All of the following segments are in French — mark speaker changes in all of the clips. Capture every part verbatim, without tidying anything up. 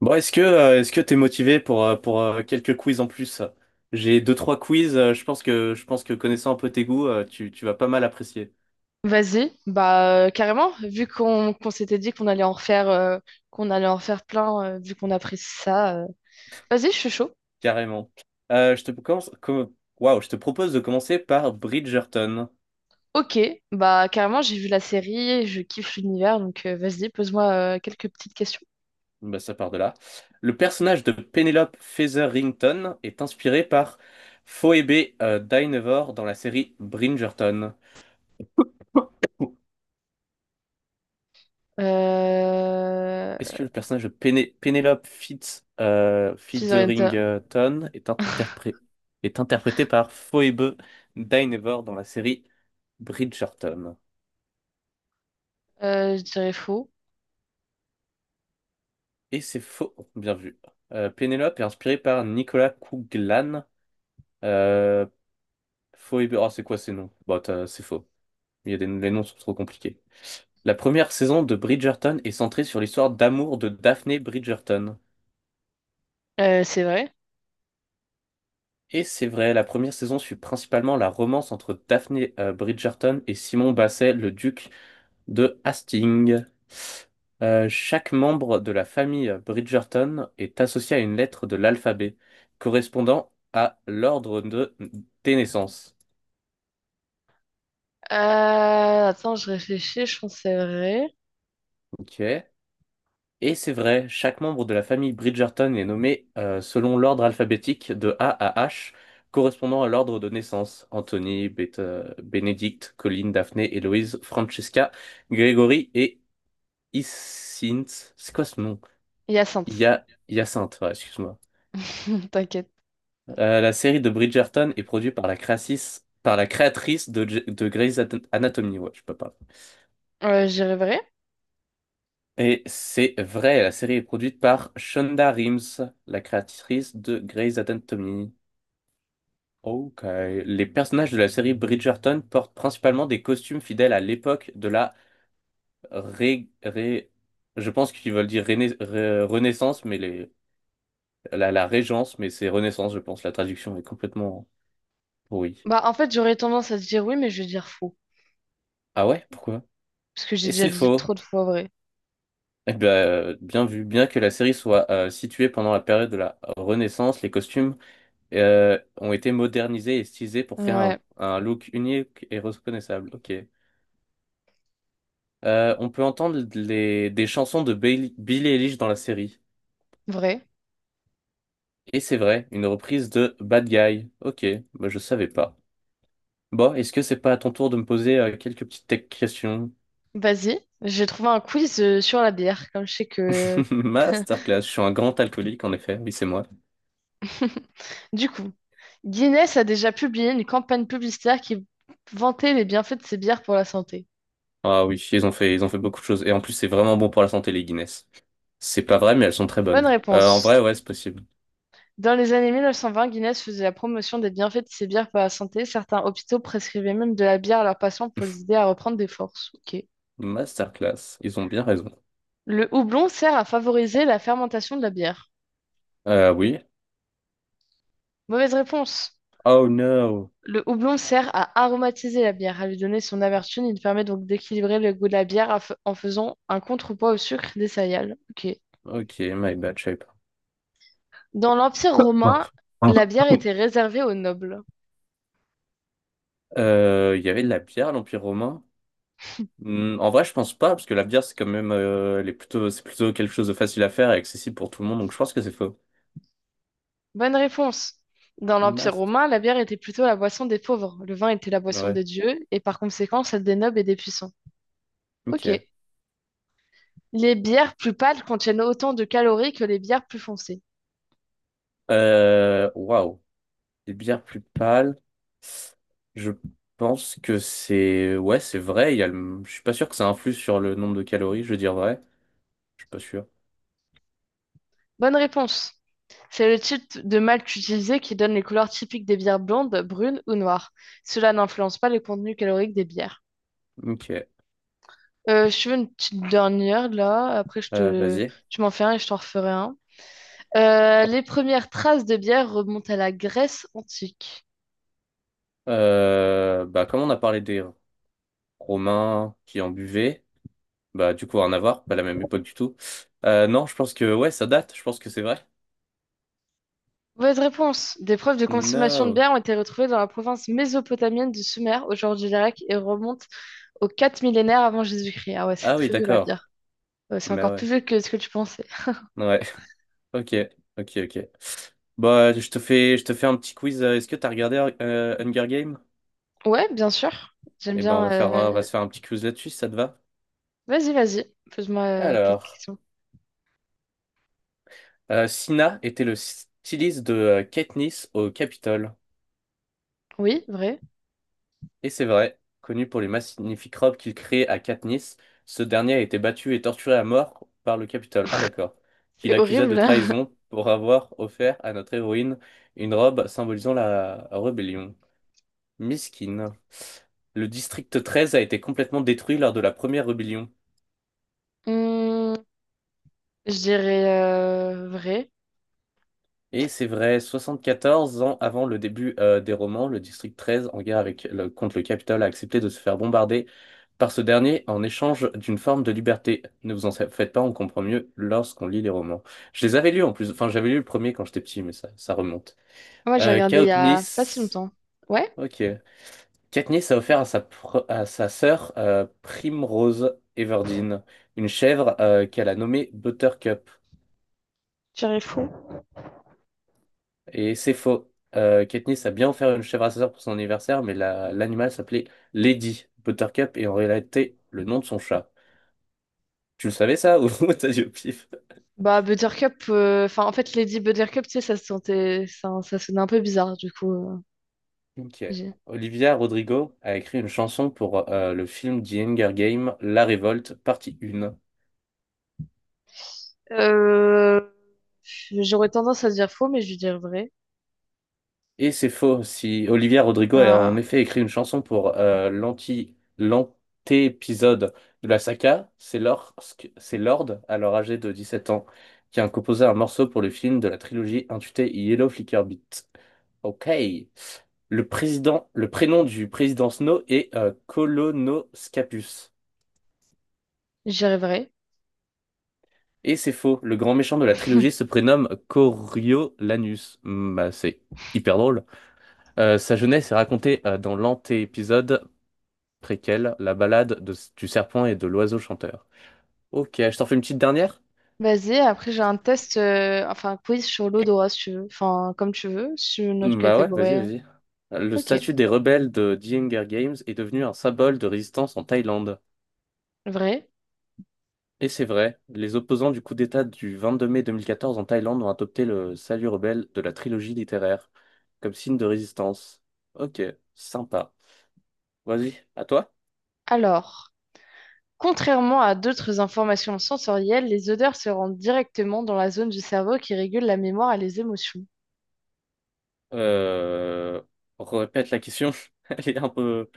Speaker 1: Bon, est-ce que euh, est-ce que t'es motivé pour euh, pour euh, quelques quiz en plus? J'ai deux trois quiz. Euh, je pense que je pense que connaissant un peu tes goûts, euh, tu tu vas pas mal apprécier.
Speaker 2: Vas-y, bah euh, carrément, vu qu'on qu'on s'était dit qu'on allait en refaire euh, qu'on allait en refaire plein, euh, vu qu'on apprécie ça. euh, Vas-y, je suis chaud.
Speaker 1: Carrément. Euh, je te commence. com- Waouh, je te propose de commencer par Bridgerton.
Speaker 2: Ok, bah carrément, j'ai vu la série, je kiffe l'univers, donc euh, vas-y, pose-moi euh, quelques petites questions.
Speaker 1: Bah, ça part de là. Le personnage de Penelope Featherington est inspiré par Phoebe euh, Dynevor dans la série Bridgerton.
Speaker 2: Euh...
Speaker 1: Est-ce que le personnage de Péné- Penelope Fitz, euh,
Speaker 2: Fizorenta,
Speaker 1: Featherington est interpré- est interprété par Phoebe Dynevor dans la série Bridgerton?
Speaker 2: euh, je dirais faux.
Speaker 1: Et c'est faux, bien vu. Euh, Penelope est inspirée par Nicolas Couglan. Euh, Phoebe, oh, c'est quoi ces noms? Bah, t'as- c'est faux. Il y a des... Les noms sont trop compliqués. La première saison de Bridgerton est centrée sur l'histoire d'amour de Daphne Bridgerton.
Speaker 2: Euh, c'est vrai.
Speaker 1: Et c'est vrai, la première saison suit principalement la romance entre Daphne euh, Bridgerton et Simon Basset, le duc de Hastings. Euh, chaque membre de la famille Bridgerton est associé à une lettre de l'alphabet, correspondant à l'ordre de, des naissances.
Speaker 2: Euh, Attends, je réfléchis, je pense que c'est vrai.
Speaker 1: Ok. Et c'est vrai, chaque membre de la famille Bridgerton est nommé euh, selon l'ordre alphabétique de A à H, correspondant à l'ordre de naissance. Anthony, Beta- Benedict, Colin, Daphné, Héloïse, Francesca, Grégory et Hyacinthe. C'est quoi ce nom?
Speaker 2: Hyacinthe,
Speaker 1: Hya- Hyacinthe, ouais, excuse-moi.
Speaker 2: t'inquiète.
Speaker 1: Euh, la série de Bridgerton est produite par la, créatrice- par la créatrice de, J- de Grey's At- Anatomy. Ouais, je peux pas.
Speaker 2: Euh, je dirais vrai.
Speaker 1: Et c'est vrai, la série est produite par Shonda Rhimes, la créatrice de Grey's Anatomy. Ok. Les personnages de la série Bridgerton portent principalement des costumes fidèles à l'époque. De la ré... ré- Je pense qu'ils veulent dire réna- ré- Renaissance, mais les... la, la Régence, mais c'est Renaissance, je pense. La traduction est complètement pourrie.
Speaker 2: Bah en fait, j'aurais tendance à te dire oui, mais je vais dire faux,
Speaker 1: Ah ouais? Pourquoi?
Speaker 2: parce que j'ai
Speaker 1: Et
Speaker 2: déjà
Speaker 1: c'est
Speaker 2: dit
Speaker 1: faux.
Speaker 2: trop de fois vrai.
Speaker 1: Eh bien, euh, bien vu. Bien que la série soit euh, située pendant la période de la Renaissance, les costumes euh, ont été modernisés et stylisés pour créer
Speaker 2: Ouais,
Speaker 1: un, un look unique et reconnaissable. Ok. Euh, on peut entendre les- des chansons de Bailey- Billie Eilish dans la série.
Speaker 2: vrai.
Speaker 1: Et c'est vrai, une reprise de Bad Guy. Ok, bah je savais pas. Bon, est-ce que c'est pas à ton tour de me poser euh, quelques petites tech questions?
Speaker 2: Vas-y. J'ai trouvé un quiz euh, sur la bière, comme je sais que...
Speaker 1: Masterclass, je suis un grand alcoolique en effet, oui c'est moi.
Speaker 2: Du coup, Guinness a déjà publié une campagne publicitaire qui vantait les bienfaits de ses bières pour la santé.
Speaker 1: Ah oui, ils ont fait, ils ont fait beaucoup de choses. Et en plus c'est vraiment bon pour la santé les Guinness. C'est pas vrai mais elles sont très
Speaker 2: Bonne
Speaker 1: bonnes. Euh, en
Speaker 2: réponse.
Speaker 1: vrai, ouais, c'est possible.
Speaker 2: Dans les années mille neuf cent vingt, Guinness faisait la promotion des bienfaits de ses bières pour la santé. Certains hôpitaux prescrivaient même de la bière à leurs patients pour les aider à reprendre des forces. Ok.
Speaker 1: Masterclass, ils ont bien raison.
Speaker 2: Le houblon sert à favoriser la fermentation de la bière.
Speaker 1: Euh, oui.
Speaker 2: Mauvaise réponse.
Speaker 1: Oh no.
Speaker 2: Le houblon sert à aromatiser la bière, à lui donner son amertume. Il permet donc d'équilibrer le goût de la bière af- en faisant un contrepoids au sucre des céréales. Ok.
Speaker 1: Ok, my bad, je savais pas.
Speaker 2: Dans l'Empire romain, la bière était réservée aux nobles.
Speaker 1: Euh, Il y avait de la bière à l'Empire romain. Hmm, en vrai, je pense pas, parce que la bière, c'est quand même euh, elle est plutôt, c'est plutôt quelque chose de facile à faire et accessible pour tout le monde, donc je pense que c'est faux.
Speaker 2: Bonne réponse. Dans l'Empire
Speaker 1: Mast.
Speaker 2: romain, la bière était plutôt la boisson des pauvres. Le vin était la boisson
Speaker 1: Ouais,
Speaker 2: des dieux et par conséquent celle des nobles et des puissants. Ok.
Speaker 1: ok.
Speaker 2: Les bières plus pâles contiennent autant de calories que les bières plus foncées.
Speaker 1: Euh, Waouh. Des bières plus pâles. Je pense que c'est. Ouais, c'est vrai. Il y a le... Je suis pas sûr que ça influe sur le nombre de calories, je veux dire vrai. Je suis pas sûr.
Speaker 2: Bonne réponse. C'est le type de malt utilisé qui donne les couleurs typiques des bières blondes, brunes ou noires. Cela n'influence pas le contenu calorique des bières.
Speaker 1: Ok.
Speaker 2: Euh, je veux une petite dernière là, après je
Speaker 1: Euh,
Speaker 2: te...
Speaker 1: vas-y.
Speaker 2: tu m'en fais un et je t'en referai un. Euh, les premières traces de bière remontent à la Grèce antique.
Speaker 1: Euh, bah, comme on a parlé des Romains qui en buvaient. Bah, du coup, rien à voir, pas la même époque du tout. Euh, non, je pense que, ouais, ça date, je pense que c'est vrai.
Speaker 2: Mauvaise réponse. Des preuves de consommation de
Speaker 1: No.
Speaker 2: bière ont été retrouvées dans la province mésopotamienne du Sumer, aujourd'hui l'Irak, et remontent aux quatre millénaires avant Jésus-Christ. Ah ouais, c'est
Speaker 1: Ah oui,
Speaker 2: très vieux la
Speaker 1: d'accord.
Speaker 2: bière. Ouais, c'est
Speaker 1: Mais
Speaker 2: encore
Speaker 1: ouais.
Speaker 2: plus vieux que ce que tu pensais.
Speaker 1: Ouais. Ok, ok, ok. Bah, je te fais, je te fais un petit quiz. euh, Est-ce que t'as regardé euh, Hunger Games?
Speaker 2: Ouais, bien sûr. J'aime
Speaker 1: Eh ben, on
Speaker 2: bien,
Speaker 1: va faire, un- on va
Speaker 2: euh,
Speaker 1: se faire un petit quiz là-dessus, si ça te va?
Speaker 2: Vas-y, vas-y. Pose-moi euh, quelques
Speaker 1: Alors,
Speaker 2: questions.
Speaker 1: euh, Scylla était le styliste de euh, Katniss au Capitole.
Speaker 2: Oui, vrai.
Speaker 1: Et c'est vrai, connu pour les magnifiques robes qu'il crée à Katniss, ce dernier a été battu et torturé à mort par le Capitole. Ah d'accord. Qu'il
Speaker 2: C'est
Speaker 1: accusa de
Speaker 2: horrible, hein.
Speaker 1: trahison pour avoir offert à notre héroïne une robe symbolisant la rébellion. Miskin. Le district treize a été complètement détruit lors de la première rébellion.
Speaker 2: Hum, je dirais euh, vrai.
Speaker 1: Et c'est vrai, soixante quatorze ans avant le début euh, des romans, le district treize, en guerre avec le- contre le Capitole, a accepté de se faire bombarder par ce dernier en échange d'une forme de liberté. Ne vous en faites pas, on comprend mieux lorsqu'on lit les romans. Je les avais lus en plus, enfin j'avais lu le premier quand j'étais petit, mais ça, ça remonte.
Speaker 2: Moi, j'ai
Speaker 1: Euh,
Speaker 2: regardé il y a pas si
Speaker 1: Katniss,
Speaker 2: longtemps. Ouais,
Speaker 1: ok. Katniss a offert à sa, pro- à sa sœur euh, Primrose Everdeen une chèvre euh, qu'elle a nommée Buttercup.
Speaker 2: je dirais faux.
Speaker 1: Et c'est faux. Euh, Katniss a bien offert une chèvre à sa sœur pour son anniversaire, mais la- l'animal s'appelait Lady Buttercup et en réalité le nom de son chat. Tu le savais ça ou t'as dit au pif?
Speaker 2: Bah, Buttercup, euh, enfin, en fait, Lady Buttercup, tu sais, ça se sentait, ça, ça sonnait un peu bizarre, du coup. euh,
Speaker 1: Ok.
Speaker 2: j'ai-
Speaker 1: Olivia Rodrigo a écrit une chanson pour euh, le film The Hunger Games*, La Révolte, partie un.
Speaker 2: Euh, j'aurais tendance à dire faux, mais je vais dire vrai.
Speaker 1: Et c'est faux, si Olivia Rodrigo a en
Speaker 2: Voilà,
Speaker 1: effet écrit une chanson pour euh, l'anti, l'anté-épisode de la saga, c'est lorsque, c'est Lorde, alors âgé de dix-sept ans, qui a composé un morceau pour le film de la trilogie intitulée Yellow Flicker Beat. Ok. Le président, le prénom du président Snow est euh, Colonoscapus.
Speaker 2: je dirais vrai.
Speaker 1: Et c'est faux, le grand méchant de la trilogie se prénomme Coriolanus. Hmm, bah, c'est hyper drôle. Euh, sa jeunesse est racontée euh, dans l'anté-épisode préquel, la balade de- du serpent et de l'oiseau chanteur. Ok, je t'en fais une petite dernière?
Speaker 2: Vas-y, après j'ai un test, euh, enfin un quiz sur l'odorat si tu veux, enfin comme tu veux, sur notre
Speaker 1: Hmm, bah ouais, vas-y,
Speaker 2: catégorie.
Speaker 1: vas-y. Le
Speaker 2: Ok,
Speaker 1: statut des rebelles de The Hunger Games est devenu un symbole de résistance en Thaïlande.
Speaker 2: vrai.
Speaker 1: Et c'est vrai, les opposants du coup d'État du vingt-deux mai deux mille quatorze en Thaïlande ont adopté le salut rebelle de la trilogie littéraire comme signe de résistance. Ok, sympa. Vas-y, à toi.
Speaker 2: Alors, contrairement à d'autres informations sensorielles, les odeurs se rendent directement dans la zone du cerveau qui régule la mémoire et les émotions.
Speaker 1: Euh, Répète la question. Elle est un peu...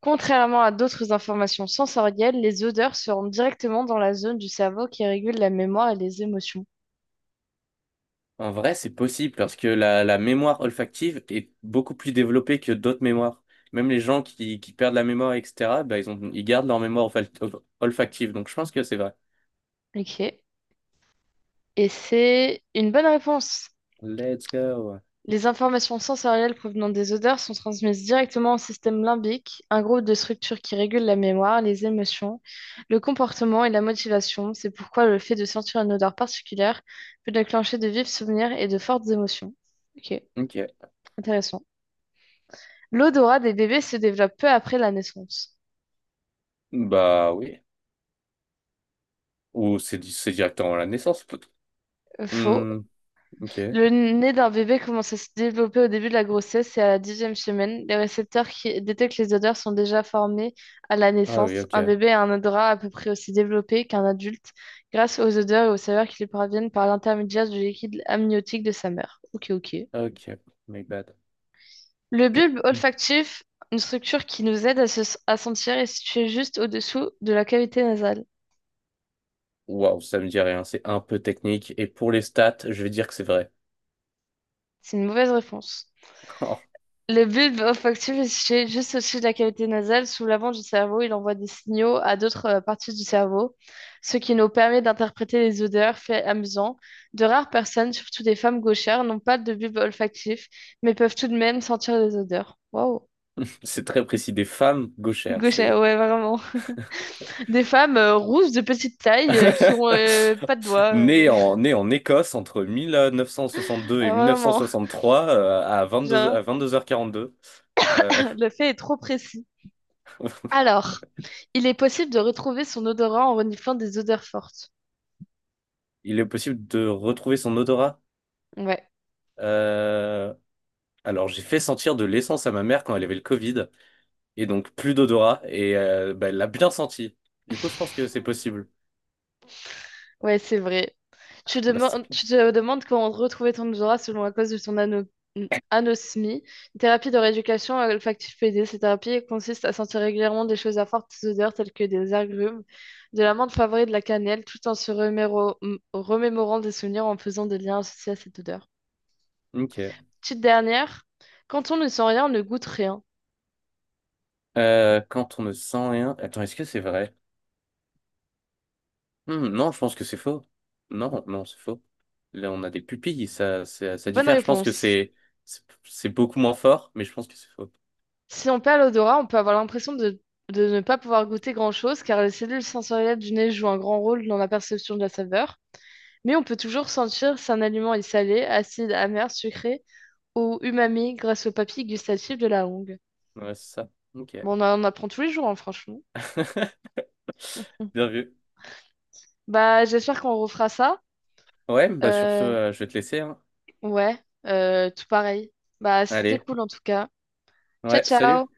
Speaker 2: Contrairement à d'autres informations sensorielles, les odeurs se rendent directement dans la zone du cerveau qui régule la mémoire et les émotions.
Speaker 1: En vrai, c'est possible parce que la, la mémoire olfactive est beaucoup plus développée que d'autres mémoires. Même les gens qui, qui perdent la mémoire, et cetera, bah, ils ont, ils gardent leur mémoire olfac- olf- olfactive. Donc, je pense que c'est vrai.
Speaker 2: Ok. Et c'est une bonne réponse.
Speaker 1: Let's go.
Speaker 2: Les informations sensorielles provenant des odeurs sont transmises directement au système limbique, un groupe de structures qui régule la mémoire, les émotions, le comportement et la motivation. C'est pourquoi le fait de sentir une odeur particulière peut déclencher de vifs souvenirs et de fortes émotions. Ok,
Speaker 1: Ok.
Speaker 2: intéressant. L'odorat des bébés se développe peu après la naissance.
Speaker 1: Bah oui. Ou c'est di- c'est directement à la naissance. peut-
Speaker 2: Faux.
Speaker 1: Hmm, ok.
Speaker 2: Le nez d'un bébé commence à se développer au début de la grossesse et à la dixième semaine. Les récepteurs qui détectent les odeurs sont déjà formés à la
Speaker 1: Ah oui,
Speaker 2: naissance.
Speaker 1: ok.
Speaker 2: Un bébé a un odorat à peu près aussi développé qu'un adulte grâce aux odeurs et aux saveurs qui lui parviennent par l'intermédiaire du liquide amniotique de sa mère. Ok, ok.
Speaker 1: Ok. My bad.
Speaker 2: Le bulbe olfactif, une structure qui nous aide à, se- à sentir, est située juste au-dessous de la cavité nasale.
Speaker 1: Waouh, ça me dit rien. C'est un peu technique. Et pour les stats, je vais dire que c'est vrai.
Speaker 2: C'est une mauvaise réponse. Le bulbe olfactif est situé juste au-dessus de la cavité nasale, sous l'avant du cerveau. Il envoie des signaux à d'autres euh, parties du cerveau, ce qui nous permet d'interpréter les odeurs, fait amusant. De rares personnes, surtout des femmes gauchères, n'ont pas de bulbe olfactif, mais peuvent tout de même sentir les odeurs. Waouh!
Speaker 1: C'est très précis, des femmes gauchères.
Speaker 2: Gauchères,
Speaker 1: C'est
Speaker 2: ouais, vraiment. Des femmes euh, rousses de petite taille euh, qui ont euh, pas de doigts. euh,
Speaker 1: né en, né en Écosse entre mille neuf cent soixante-deux et
Speaker 2: Ah, vraiment.
Speaker 1: mille neuf cent soixante-trois euh, à vingt-deux,
Speaker 2: Genre,
Speaker 1: à vingt-deux heures quarante-deux. Euh,
Speaker 2: le fait est trop précis. Alors, il est possible de retrouver son odorant en reniflant des odeurs fortes.
Speaker 1: il est possible de retrouver son odorat.
Speaker 2: Ouais.
Speaker 1: Euh, alors, j'ai fait sentir de l'essence à ma mère quand elle avait le Covid, et donc plus d'odorat, et euh, bah, elle l'a bien senti. Du coup, je pense que c'est possible.
Speaker 2: Ouais, c'est vrai. Tu, demandes, tu
Speaker 1: Masterclass.
Speaker 2: te demandes comment retrouver ton odorat selon la cause de ton ano- anosmie. Une thérapie de rééducation olfactive P D, cette thérapie consiste à sentir régulièrement des choses à fortes odeurs telles que des agrumes, de l'amande, poivrée et de la cannelle, tout en se reméro- m- remémorant des souvenirs en faisant des liens associés à cette odeur.
Speaker 1: Ok.
Speaker 2: Petite dernière, quand on ne sent rien, on ne goûte rien.
Speaker 1: Euh, quand on ne sent rien. Attends, est-ce que c'est vrai? Hmm, non, je pense que c'est faux. Non, non, c'est faux. Là, on a des pupilles, ça, ça, ça
Speaker 2: Bonne
Speaker 1: diffère. Je pense que
Speaker 2: réponse.
Speaker 1: c'est, c'est c'est beaucoup moins fort, mais je pense que c'est faux.
Speaker 2: Si on perd l'odorat, on peut avoir l'impression de, de ne pas pouvoir goûter grand-chose car les cellules sensorielles du nez jouent un grand rôle dans la perception de la saveur. Mais on peut toujours sentir si un aliment est salé, acide, amer, sucré ou umami grâce aux papilles gustatives de la langue.
Speaker 1: Ouais, c'est ça. Ok.
Speaker 2: Bon, on en apprend tous les jours, hein, franchement.
Speaker 1: Bien vu.
Speaker 2: Bah, j'espère qu'on refera ça.
Speaker 1: Ouais, bah sur ce,
Speaker 2: Euh,
Speaker 1: euh, je vais te laisser, hein.
Speaker 2: ouais, euh, tout pareil. Bah, c'était
Speaker 1: Allez.
Speaker 2: cool en tout cas. Ciao,
Speaker 1: Ouais, salut.
Speaker 2: ciao!